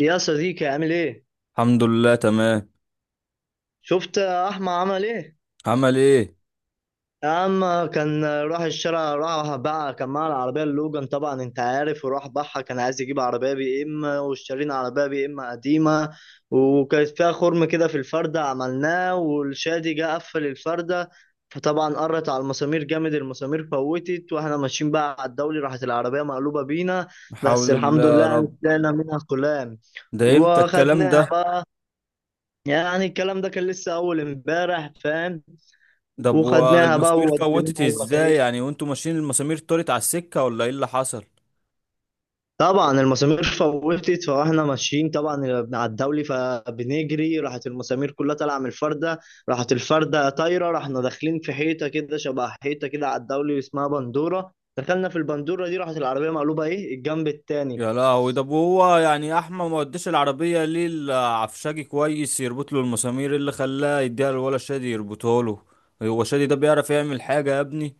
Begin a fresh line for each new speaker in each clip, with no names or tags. يا صديقي، عامل ايه؟
الحمد لله تمام.
شفت احمد عمل ايه؟
عمل ايه.
يا عم، كان راح الشارع، راح بقى كان معاه العربية اللوجان، طبعا انت عارف، وراح بقى كان عايز يجيب عربية بي ام، واشترينا عربية بي ام قديمة. وكانت فيها خرم كده في الفردة عملناه، والشادي جه قفل الفردة. فطبعا قرت على المسامير جامد، المسامير فوتت واحنا ماشيين بقى على الدولي، راحت العربية مقلوبة بينا. بس
حول الله
الحمد لله
يا
يعني
رب.
طلعنا منها سلام
ده امتى الكلام
وخدناها.
ده؟
يعني الكلام ده كان لسه اول امبارح، فاهم.
ده
وخدناها بقى
والمسامير
ووديناها
فوتت
على
ازاي
الميكانيك.
يعني؟ وانتوا ماشيين المسامير طارت على السكة ولا ايه اللي حصل؟
طبعا المسامير فوتت فاحنا ماشيين طبعا على الدولي، فبنجري راحت المسامير كلها طالعه من الفرده، راحت الفرده طايره، رحنا داخلين في حيطه كده، شبه حيطه كده على الدولي اسمها بندوره، دخلنا في البندوره دي، راحت العربيه مقلوبه ايه الجنب التاني.
يا لهوي، ده هو يعني احمد ما وداش العربية ليه العفشاجي كويس يربط له المسامير؟ إيه اللي خلاه يديها للولا شادي يربطه له؟ هو شادي ده بيعرف يعمل حاجة يا ابني؟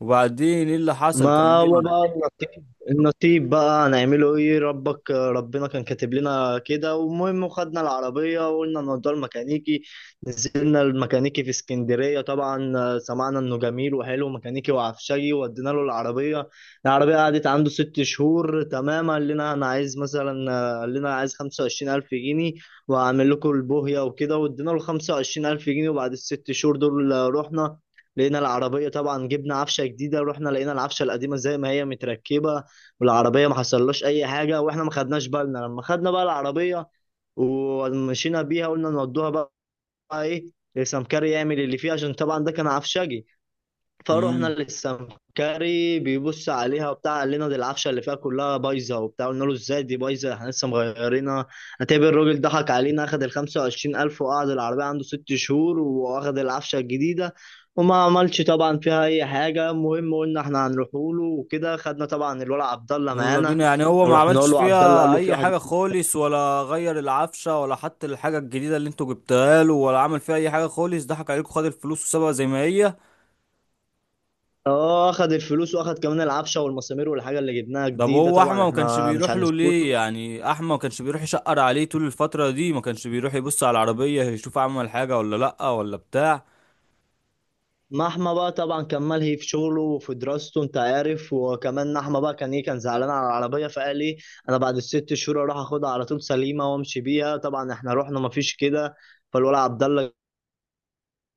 وبعدين ايه اللي حصل،
ما هو
كمل.
بقى النصيب، النصيب بقى هنعمله ايه، ربك ربنا كان كاتب لنا كده. والمهم خدنا العربية وقلنا نوديها الميكانيكي، نزلنا الميكانيكي في اسكندرية طبعا. سمعنا انه جميل وحلو ميكانيكي وعفشجي، ودينا له العربية. العربية قعدت عنده 6 شهور تمام، قال لنا انا عايز مثلا، قال لنا عايز 25000 جنيه وهعمل لكم البوهية وكده. وادينا له 25000 جنيه، وبعد الست شهور دول رحنا، لقينا العربية طبعا، جبنا عفشة جديدة، رحنا لقينا العفشة القديمة زي ما هي متركبة، والعربية ما حصلهاش أي حاجة، وإحنا ما خدناش بالنا. لما خدنا بقى العربية ومشينا بيها، قلنا نودوها بقى إيه لسمكري يعمل اللي فيها، عشان طبعا ده كان عفشجي. فروحنا للسمكري، بيبص عليها وبتاع، قال لنا دي العفشه اللي فيها كلها بايظه وبتاع، قلنا له ازاي دي بايظه، احنا لسه مغيرينها. هتقابل الراجل ضحك علينا، اخد ال 25000 وقعد العربيه عنده 6 شهور، واخد العفشه الجديده وما عملش طبعا فيها اي حاجه. المهم قلنا احنا هنروح له وكده، خدنا طبعا الولد عبد الله
يلا
معانا
بينا، يعني هو ما
ورحنا
عملش
له. عبد الله قال
فيها
له في
اي
واحد،
حاجه خالص؟ ولا غير العفشه، ولا حتى الحاجه الجديده اللي انتوا جبتها له، ولا عمل فيها اي حاجه خالص؟ ضحك عليكم، خد الفلوس وسابها زي ما هي.
اه اخد الفلوس واخد كمان العفشه والمسامير والحاجه اللي جبناها
ده
جديده،
هو احمد
طبعا
ما كانش
احنا مش
بيروح له
هنسكت.
ليه؟ يعني احمد ما كانش بيروح يشقر عليه طول الفتره دي؟ ما كانش بيروح يبص على العربيه يشوف عمل حاجه ولا لا، ولا بتاع؟
محمى بقى طبعا كمل، هي في شغله وفي دراسته انت عارف، وكمان نحمة بقى كان ايه، كان زعلان على العربية، فقال ايه، انا بعد الست شهور اروح اخدها على طول سليمة وامشي بيها. طبعا احنا رحنا مفيش كده. فالولد عبد الله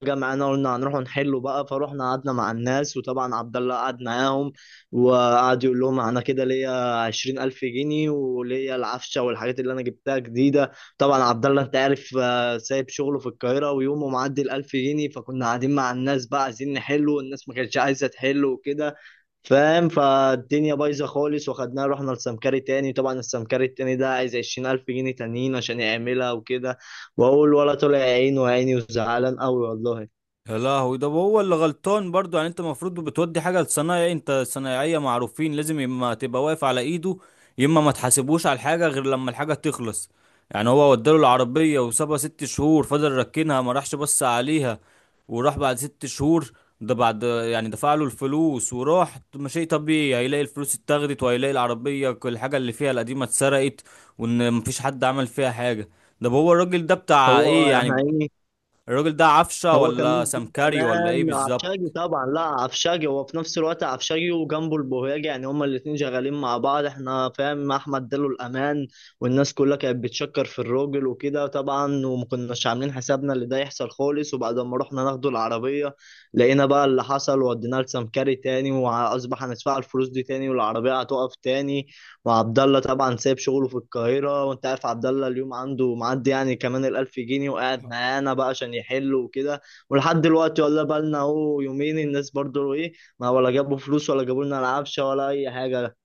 جمعنا، قلنا هنروحوا نحلوا بقى، فروحنا قعدنا مع الناس، وطبعا عبد الله قعد معاهم وقعد يقول لهم انا كده ليا 20000 جنيه وليا العفشه والحاجات اللي انا جبتها جديده. طبعا عبد الله انت عارف، سايب شغله في القاهره، ويومه معدي 1000 جنيه، فكنا قاعدين مع الناس بقى عايزين نحله، والناس ما كانتش عايزه تحله وكده، فاهم. فالدنيا بايظه خالص، وخدناها رحنا لسمكري تاني. طبعا السمكري التاني ده عايز 20000 جنيه تانيين عشان يعملها وكده، واقول ولا طلع عينه وعيني وزعلان قوي والله.
يا لهوي، ده هو اللي غلطان برضو. يعني انت المفروض بتودي حاجه لصنايعي، انت صنايعيه معروفين، لازم يا اما تبقى واقف على ايده، يا اما ما تحاسبوش على الحاجه غير لما الحاجه تخلص. يعني هو وداله العربيه وسابها ست شهور، فضل ركنها ما راحش بص عليها وراح بعد ست شهور؟ ده بعد يعني دفع له الفلوس وراح، طب ما شيء طبيعي هيلاقي الفلوس اتاخدت، وهيلاقي العربيه كل الحاجه اللي فيها القديمه اتسرقت، وان مفيش حد عمل فيها حاجه. ده هو الراجل ده بتاع
هو
ايه يعني؟
هي
الراجل ده عفشه
هو كان مين؟
ولا
دي
سمكري ولا ايه
كمان عفشاجي
بالظبط؟
طبعا، لا عفشاجي، هو في نفس الوقت عفشاجي وجنبه البوهيجي، يعني هما الاتنين شغالين مع بعض، احنا فاهم، احمد اداله الامان، والناس كلها كانت بتشكر في الراجل وكده طبعا، وما كناش عاملين حسابنا اللي ده يحصل خالص. وبعد ما رحنا ناخده العربيه، لقينا بقى اللي حصل، وديناه لسمكري تاني، واصبح هندفع الفلوس دي تاني والعربيه هتقف تاني. وعبد الله طبعا سايب شغله في القاهره، وانت عارف عبد الله اليوم عنده معدي يعني كمان 1000 جنيه، وقاعد معانا بقى عشان يحل وكده، ولحد دلوقتي ولا بالنا اهو يومين. الناس برضو ايه، ما ولا جابوا فلوس ولا جابوا لنا العفشه ولا اي حاجه.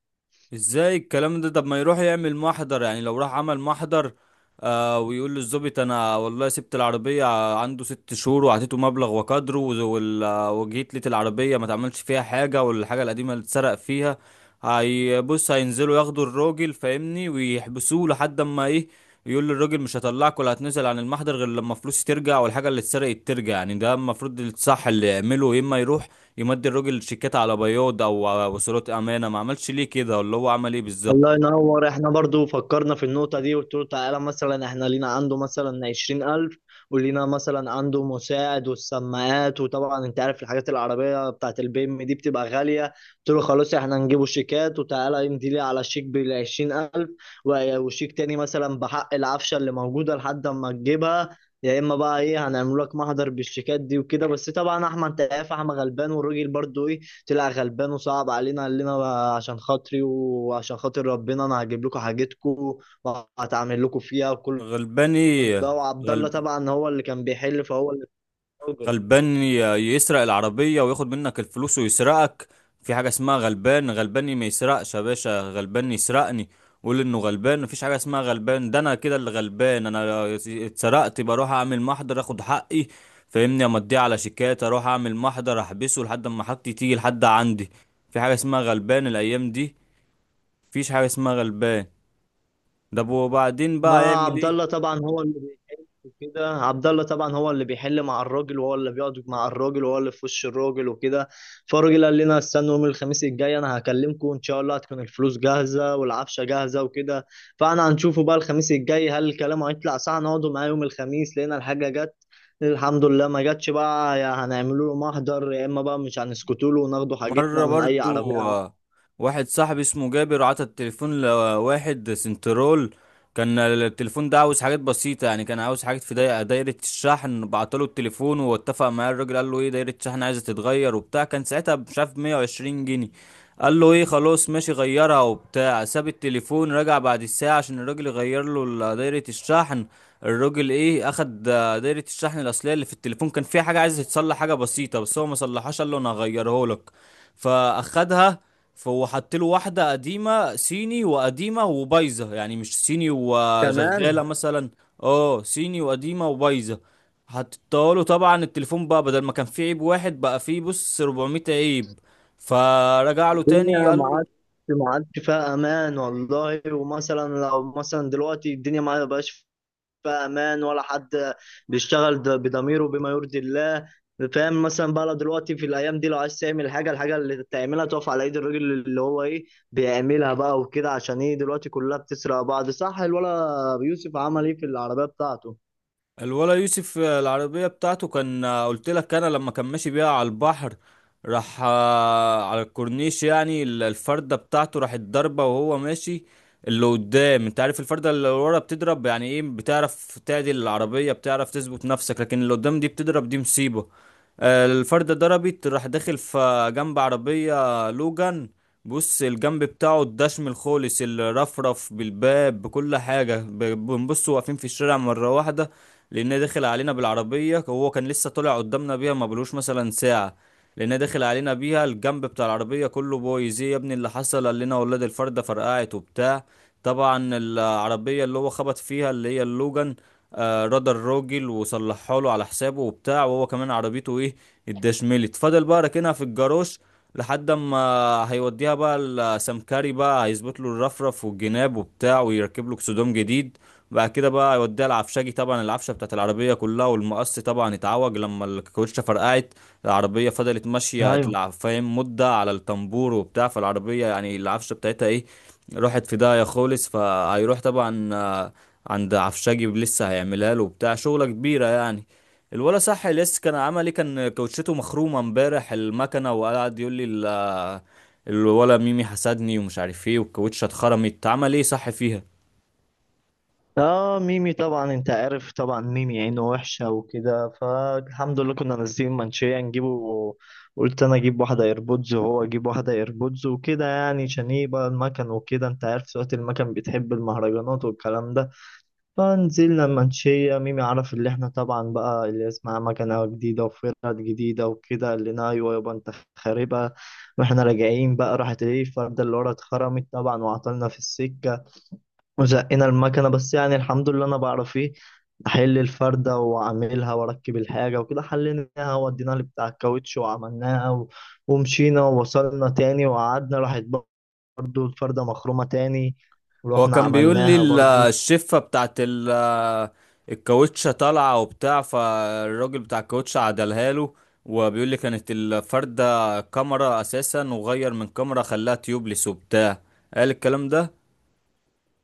ازاي الكلام ده؟ طب ما يروح يعمل محضر. يعني لو راح عمل محضر ويقول للظابط انا والله سبت العربيه عنده ست شهور وعطيته مبلغ وقدره وجيت لقيت العربيه ما تعملش فيها حاجه، والحاجه القديمه اللي اتسرق فيها، هيبص هينزلوا ياخدوا الراجل فاهمني ويحبسوه لحد اما ايه، يقول للراجل مش هطلعك ولا هتنزل عن المحضر غير لما فلوسي ترجع والحاجه اللي اتسرقت ترجع. يعني ده المفروض الصح اللي يعمله، يا اما يروح يمد الراجل شيكات على بياض او على وصولات امانه. ما عملش ليه كده؟ ولا هو عمل ايه
الله
بالظبط؟
ينور، احنا برضو فكرنا في النقطة دي، قلت له تعالى مثلا احنا لينا عنده مثلا 20000، ولينا مثلا عنده مساعد والسماعات، وطبعا انت عارف الحاجات العربية بتاعت البي ام دي بتبقى غالية، قلت له خلاص احنا نجيبه شيكات، وتعالى امضي لي على شيك ب20000، وشيك تاني مثلا بحق العفشة اللي موجودة لحد ما تجيبها، يا اما بقى ايه هنعمل لك محضر بالشيكات دي وكده. بس طبعا احمد انت عارف احمد غلبان، والراجل برضو طلع غلبان وصعب علينا. قال لنا بقى عشان خاطري وعشان خاطر ربنا انا هجيب لكم حاجتكم وهتعمل لكم فيها وكل
غلباني؟
ده. وعبد
غلب؟
الله طبعا هو اللي كان بيحل، فهو اللي اتسجل.
غلبان ي- يسرق العربيه وياخد منك الفلوس ويسرقك؟ في حاجه اسمها غلبان؟ غلباني ما يسرقش يا باشا، غلبان يسرقني؟ قول انه غلبان، مفيش حاجه اسمها غلبان. ده انا كده اللي غلبان، انا اتسرقت، بروح اعمل محضر اخد حقي فاهمني، امضيه على شيكات، اروح اعمل محضر احبسه لحد ما حاجتي تيجي لحد عندي. في حاجه اسمها غلبان الايام دي؟ مفيش حاجه اسمها غلبان. ده وبعدين بقى
ما
يعمل
عبد
ايه؟
الله طبعا هو اللي بيحل كده، عبد الله طبعا هو اللي بيحل مع الراجل، وهو اللي بيقعد مع الراجل، وهو اللي في وش الراجل وكده. فالراجل قال لنا استنوا يوم الخميس الجاي، انا هكلمكم ان شاء الله، هتكون الفلوس جاهزه والعفشه جاهزه وكده. فانا هنشوفه بقى الخميس الجاي، هل الكلام هيطلع صح. نقعدوا معاه يوم الخميس، لقينا الحاجه جت الحمد لله، ما جاتش بقى يا هنعملوا له محضر، يا اما بقى مش هنسكتوا له وناخدوا حاجتنا
مرة
من اي عربيه
برضو
عادي.
واحد صاحبي اسمه جابر عطى التليفون لواحد سنترول. كان التليفون ده عاوز حاجات بسيطة، يعني كان عاوز حاجات في دايرة الشحن. بعتله التليفون واتفق معاه الراجل، قال له ايه، دايرة الشحن عايزة تتغير وبتاع، كان ساعتها مش عارف 120 جنيه. قال له ايه، خلاص ماشي غيرها وبتاع، ساب التليفون رجع بعد الساعة عشان الراجل يغير له دايرة الشحن. الراجل ايه، اخد دايرة الشحن الاصلية اللي في التليفون، كان فيها حاجة عايز يتصلح حاجة بسيطة بس هو ما صلحهاش، قال له انا هغيره لك، فاخدها. فهو حط له واحده قديمه صيني، وقديمه وبايظه، يعني مش صيني وشغاله
تمام.
مثلا، اه، صيني وقديمه وبايظه حطيتها له. طبعا التليفون بقى بدل ما كان فيه عيب واحد، بقى فيه بص 400 عيب. فرجع له تاني
الدنيا ما
قال له،
عادش ما عادش فيها امان والله. ومثلا لو مثلا دلوقتي الدنيا ما بقاش فيها امان، ولا حد بيشتغل بضميره بما يرضي الله، فاهم. مثلا بقى لو دلوقتي في الايام دي لو عايز تعمل حاجه، الحاجه اللي تعملها تقف على ايد الراجل اللي هو ايه بيعملها بقى وكده، عشان ايه دلوقتي كلها بتسرق بعض، صح. الولا يوسف عمل ايه في العربيه بتاعته؟
الولا يوسف، العربية بتاعته كان، قلت لك انا لما كان ماشي بيها على البحر، راح على الكورنيش، يعني الفردة بتاعته راحت ضربة وهو ماشي. اللي قدام انت عارف، الفردة اللي ورا بتضرب يعني ايه، بتعرف تعدل العربية، بتعرف تثبت نفسك، لكن اللي قدام دي بتضرب دي مصيبة. الفردة ضربت، راح داخل في جنب عربية، لوجان. بص، الجنب بتاعه الدشم الخالص، الرفرف بالباب بكل حاجة، بنبص واقفين في الشارع مرة واحدة، لان داخل علينا بالعربيه. هو كان لسه طلع قدامنا بيها ما بلوش مثلا ساعه، لان داخل علينا بيها، الجنب بتاع العربيه كله بويز. ايه يا ابني اللي حصل؟ قال لنا ولاد الفرده فرقعت وبتاع. طبعا العربيه اللي هو خبط فيها اللي هي اللوجان، آه، رد الراجل وصلحها له على حسابه وبتاع، وهو كمان عربيته ايه، اتدشملت، فضل بقى راكنها في الجاروش لحد اما هيوديها بقى السمكري، بقى هيظبط له الرفرف والجناب وبتاع، ويركب له اكسدام جديد. بعد كده بقى يوديها العفشاجي، طبعا العفشه بتاعت العربيه كلها والمقص طبعا اتعوج لما الكاوتشه فرقعت، العربيه فضلت ماشيه
ايوه.
فاهم، مده على الطنبور وبتاع، فالعربيه يعني العفشه بتاعتها ايه، راحت في داهيه خالص. فهيروح طبعا عند عفشاجي لسه هيعملها له وبتاع، شغله كبيره يعني. الولا صح لسه كان عمل ايه؟ كان كاوتشته مخرومه امبارح المكنه، وقعد يقول لي الولا ميمي حسدني ومش عارف ايه، والكاوتشه اتخرمت. عمل ايه صح فيها؟
اه، ميمي طبعا انت عارف، طبعا ميمي عينه وحشة وكده، فالحمد لله كنا نازلين منشية نجيبه. قلت انا اجيب واحدة ايربودز وهو اجيب واحدة ايربودز وكده يعني، عشان ايه بقى المكن وكده، انت عارف سواقة المكن بتحب المهرجانات والكلام ده. فنزلنا منشية، ميمي عرف اللي احنا طبعا بقى اللي اسمها مكنة جديدة وفرد جديدة وكده، قال لنا ايوه يابا انت خاربها. واحنا راجعين بقى راحت ايه الفردة اللي ورا اتخرمت طبعا، وعطلنا في السكة وزقنا المكنة، بس يعني الحمد لله أنا بعرف إيه أحل الفردة وأعملها وأركب الحاجة وكده. حليناها وديناها لبتاع الكاوتش وعملناها ومشينا، ووصلنا تاني وقعدنا راحت برضو الفردة مخرومة تاني،
هو
ورحنا
كان بيقول لي
عملناها برضو.
الشفة بتاعت الكاوتشة طالعة وبتاع، فالراجل بتاع الكاوتشة عدلها له، وبيقول لي كانت الفردة كاميرا أساسا، وغير من كاميرا خلاها تيوبلس وبتاع، قال الكلام ده.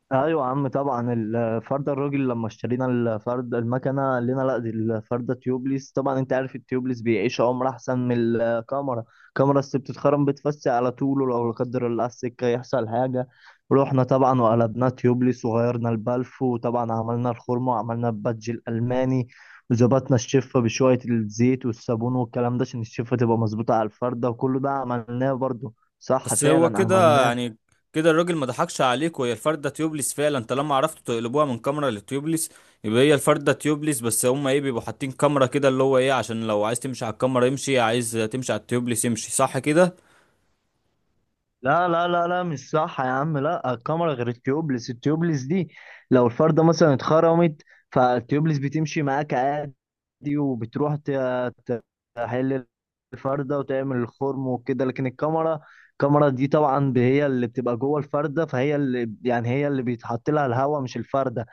ايوه يا عم، طبعا الفرده، الراجل لما اشترينا الفرد المكنه قال لنا لا دي الفرده تيوبليس، طبعا انت عارف التيوبليس بيعيش عمر احسن من الكاميرا، الكاميرا الست بتتخرم، بتفسي على طول، ولو لا قدر الله على السكه يحصل حاجه. رحنا طبعا وقلبناه تيوبليس وغيرنا البلف، وطبعا عملنا الخرم وعملنا البادج الالماني، وظبطنا الشفه بشويه الزيت والصابون والكلام ده عشان الشفه تبقى مظبوطه على الفرده، وكل ده عملناه برضه، صح
بس هو
فعلا
كده
عملناه.
يعني، كده الراجل ما ضحكش عليك وهي الفردة تيوبلس فعلا، طالما عرفتوا تقلبوها من كاميرا لتيوبلس، يبقى هي الفردة تيوبلس. بس هما ايه، بيبقوا حاطين كاميرا كده اللي هو ايه، عشان لو عايز تمشي على الكاميرا يمشي، عايز تمشي على التيوبلس يمشي، صح كده؟
لا، مش صح يا عم، لا، الكاميرا غير التيوبلس. التيوبلس دي لو الفردة مثلا اتخرمت، فالتيوبلس بتمشي معاك عادي وبتروح ت- تحل الفردة وتعمل الخرم وكده. لكن الكاميرا، الكاميرا دي طبعا هي اللي بتبقى جوه الفردة، فهي اللي يعني هي اللي بيتحط لها الهواء مش الفردة.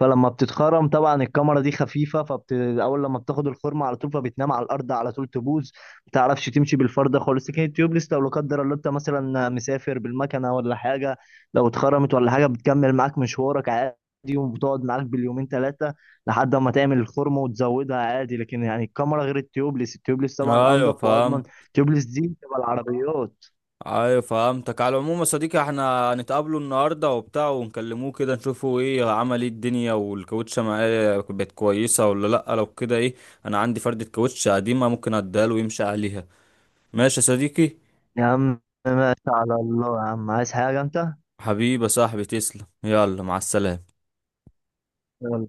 فلما بتتخرم طبعا الكاميرا دي خفيفه، اول لما بتاخد الخرم على طول فبتنام على الارض على طول، تبوظ ما بتعرفش تمشي بالفرده خالص. لكن التيوبليس لو لا قدر الله انت مثلا مسافر بالمكنه ولا حاجه، لو اتخرمت ولا حاجه بتكمل معاك مشوارك عادي، وبتقعد معاك باليومين ثلاثه لحد ما تعمل الخرم وتزودها عادي. لكن يعني الكاميرا غير التيوبليس، التيوبليس طبعا
ايوه
انضف واضمن،
فهمت.
التيوبليس دي بتبقى العربيات.
ايوه فهمتك. على العموم يا صديقي، احنا هنتقابله النهارده وبتاع، ونكلموه كده نشوفه ايه، عمل ايه الدنيا، والكاوتشه معاه بقت كويسه ولا لا. لو كده ايه، انا عندي فردة كاوتشه قديمه ممكن اديها له ويمشي عليها. ماشي يا صديقي؟
يا عم، ماشي على الله يا عم، عايز حاجه انت؟
حبيبي يا صاحبي، تسلم، يلا مع السلامه.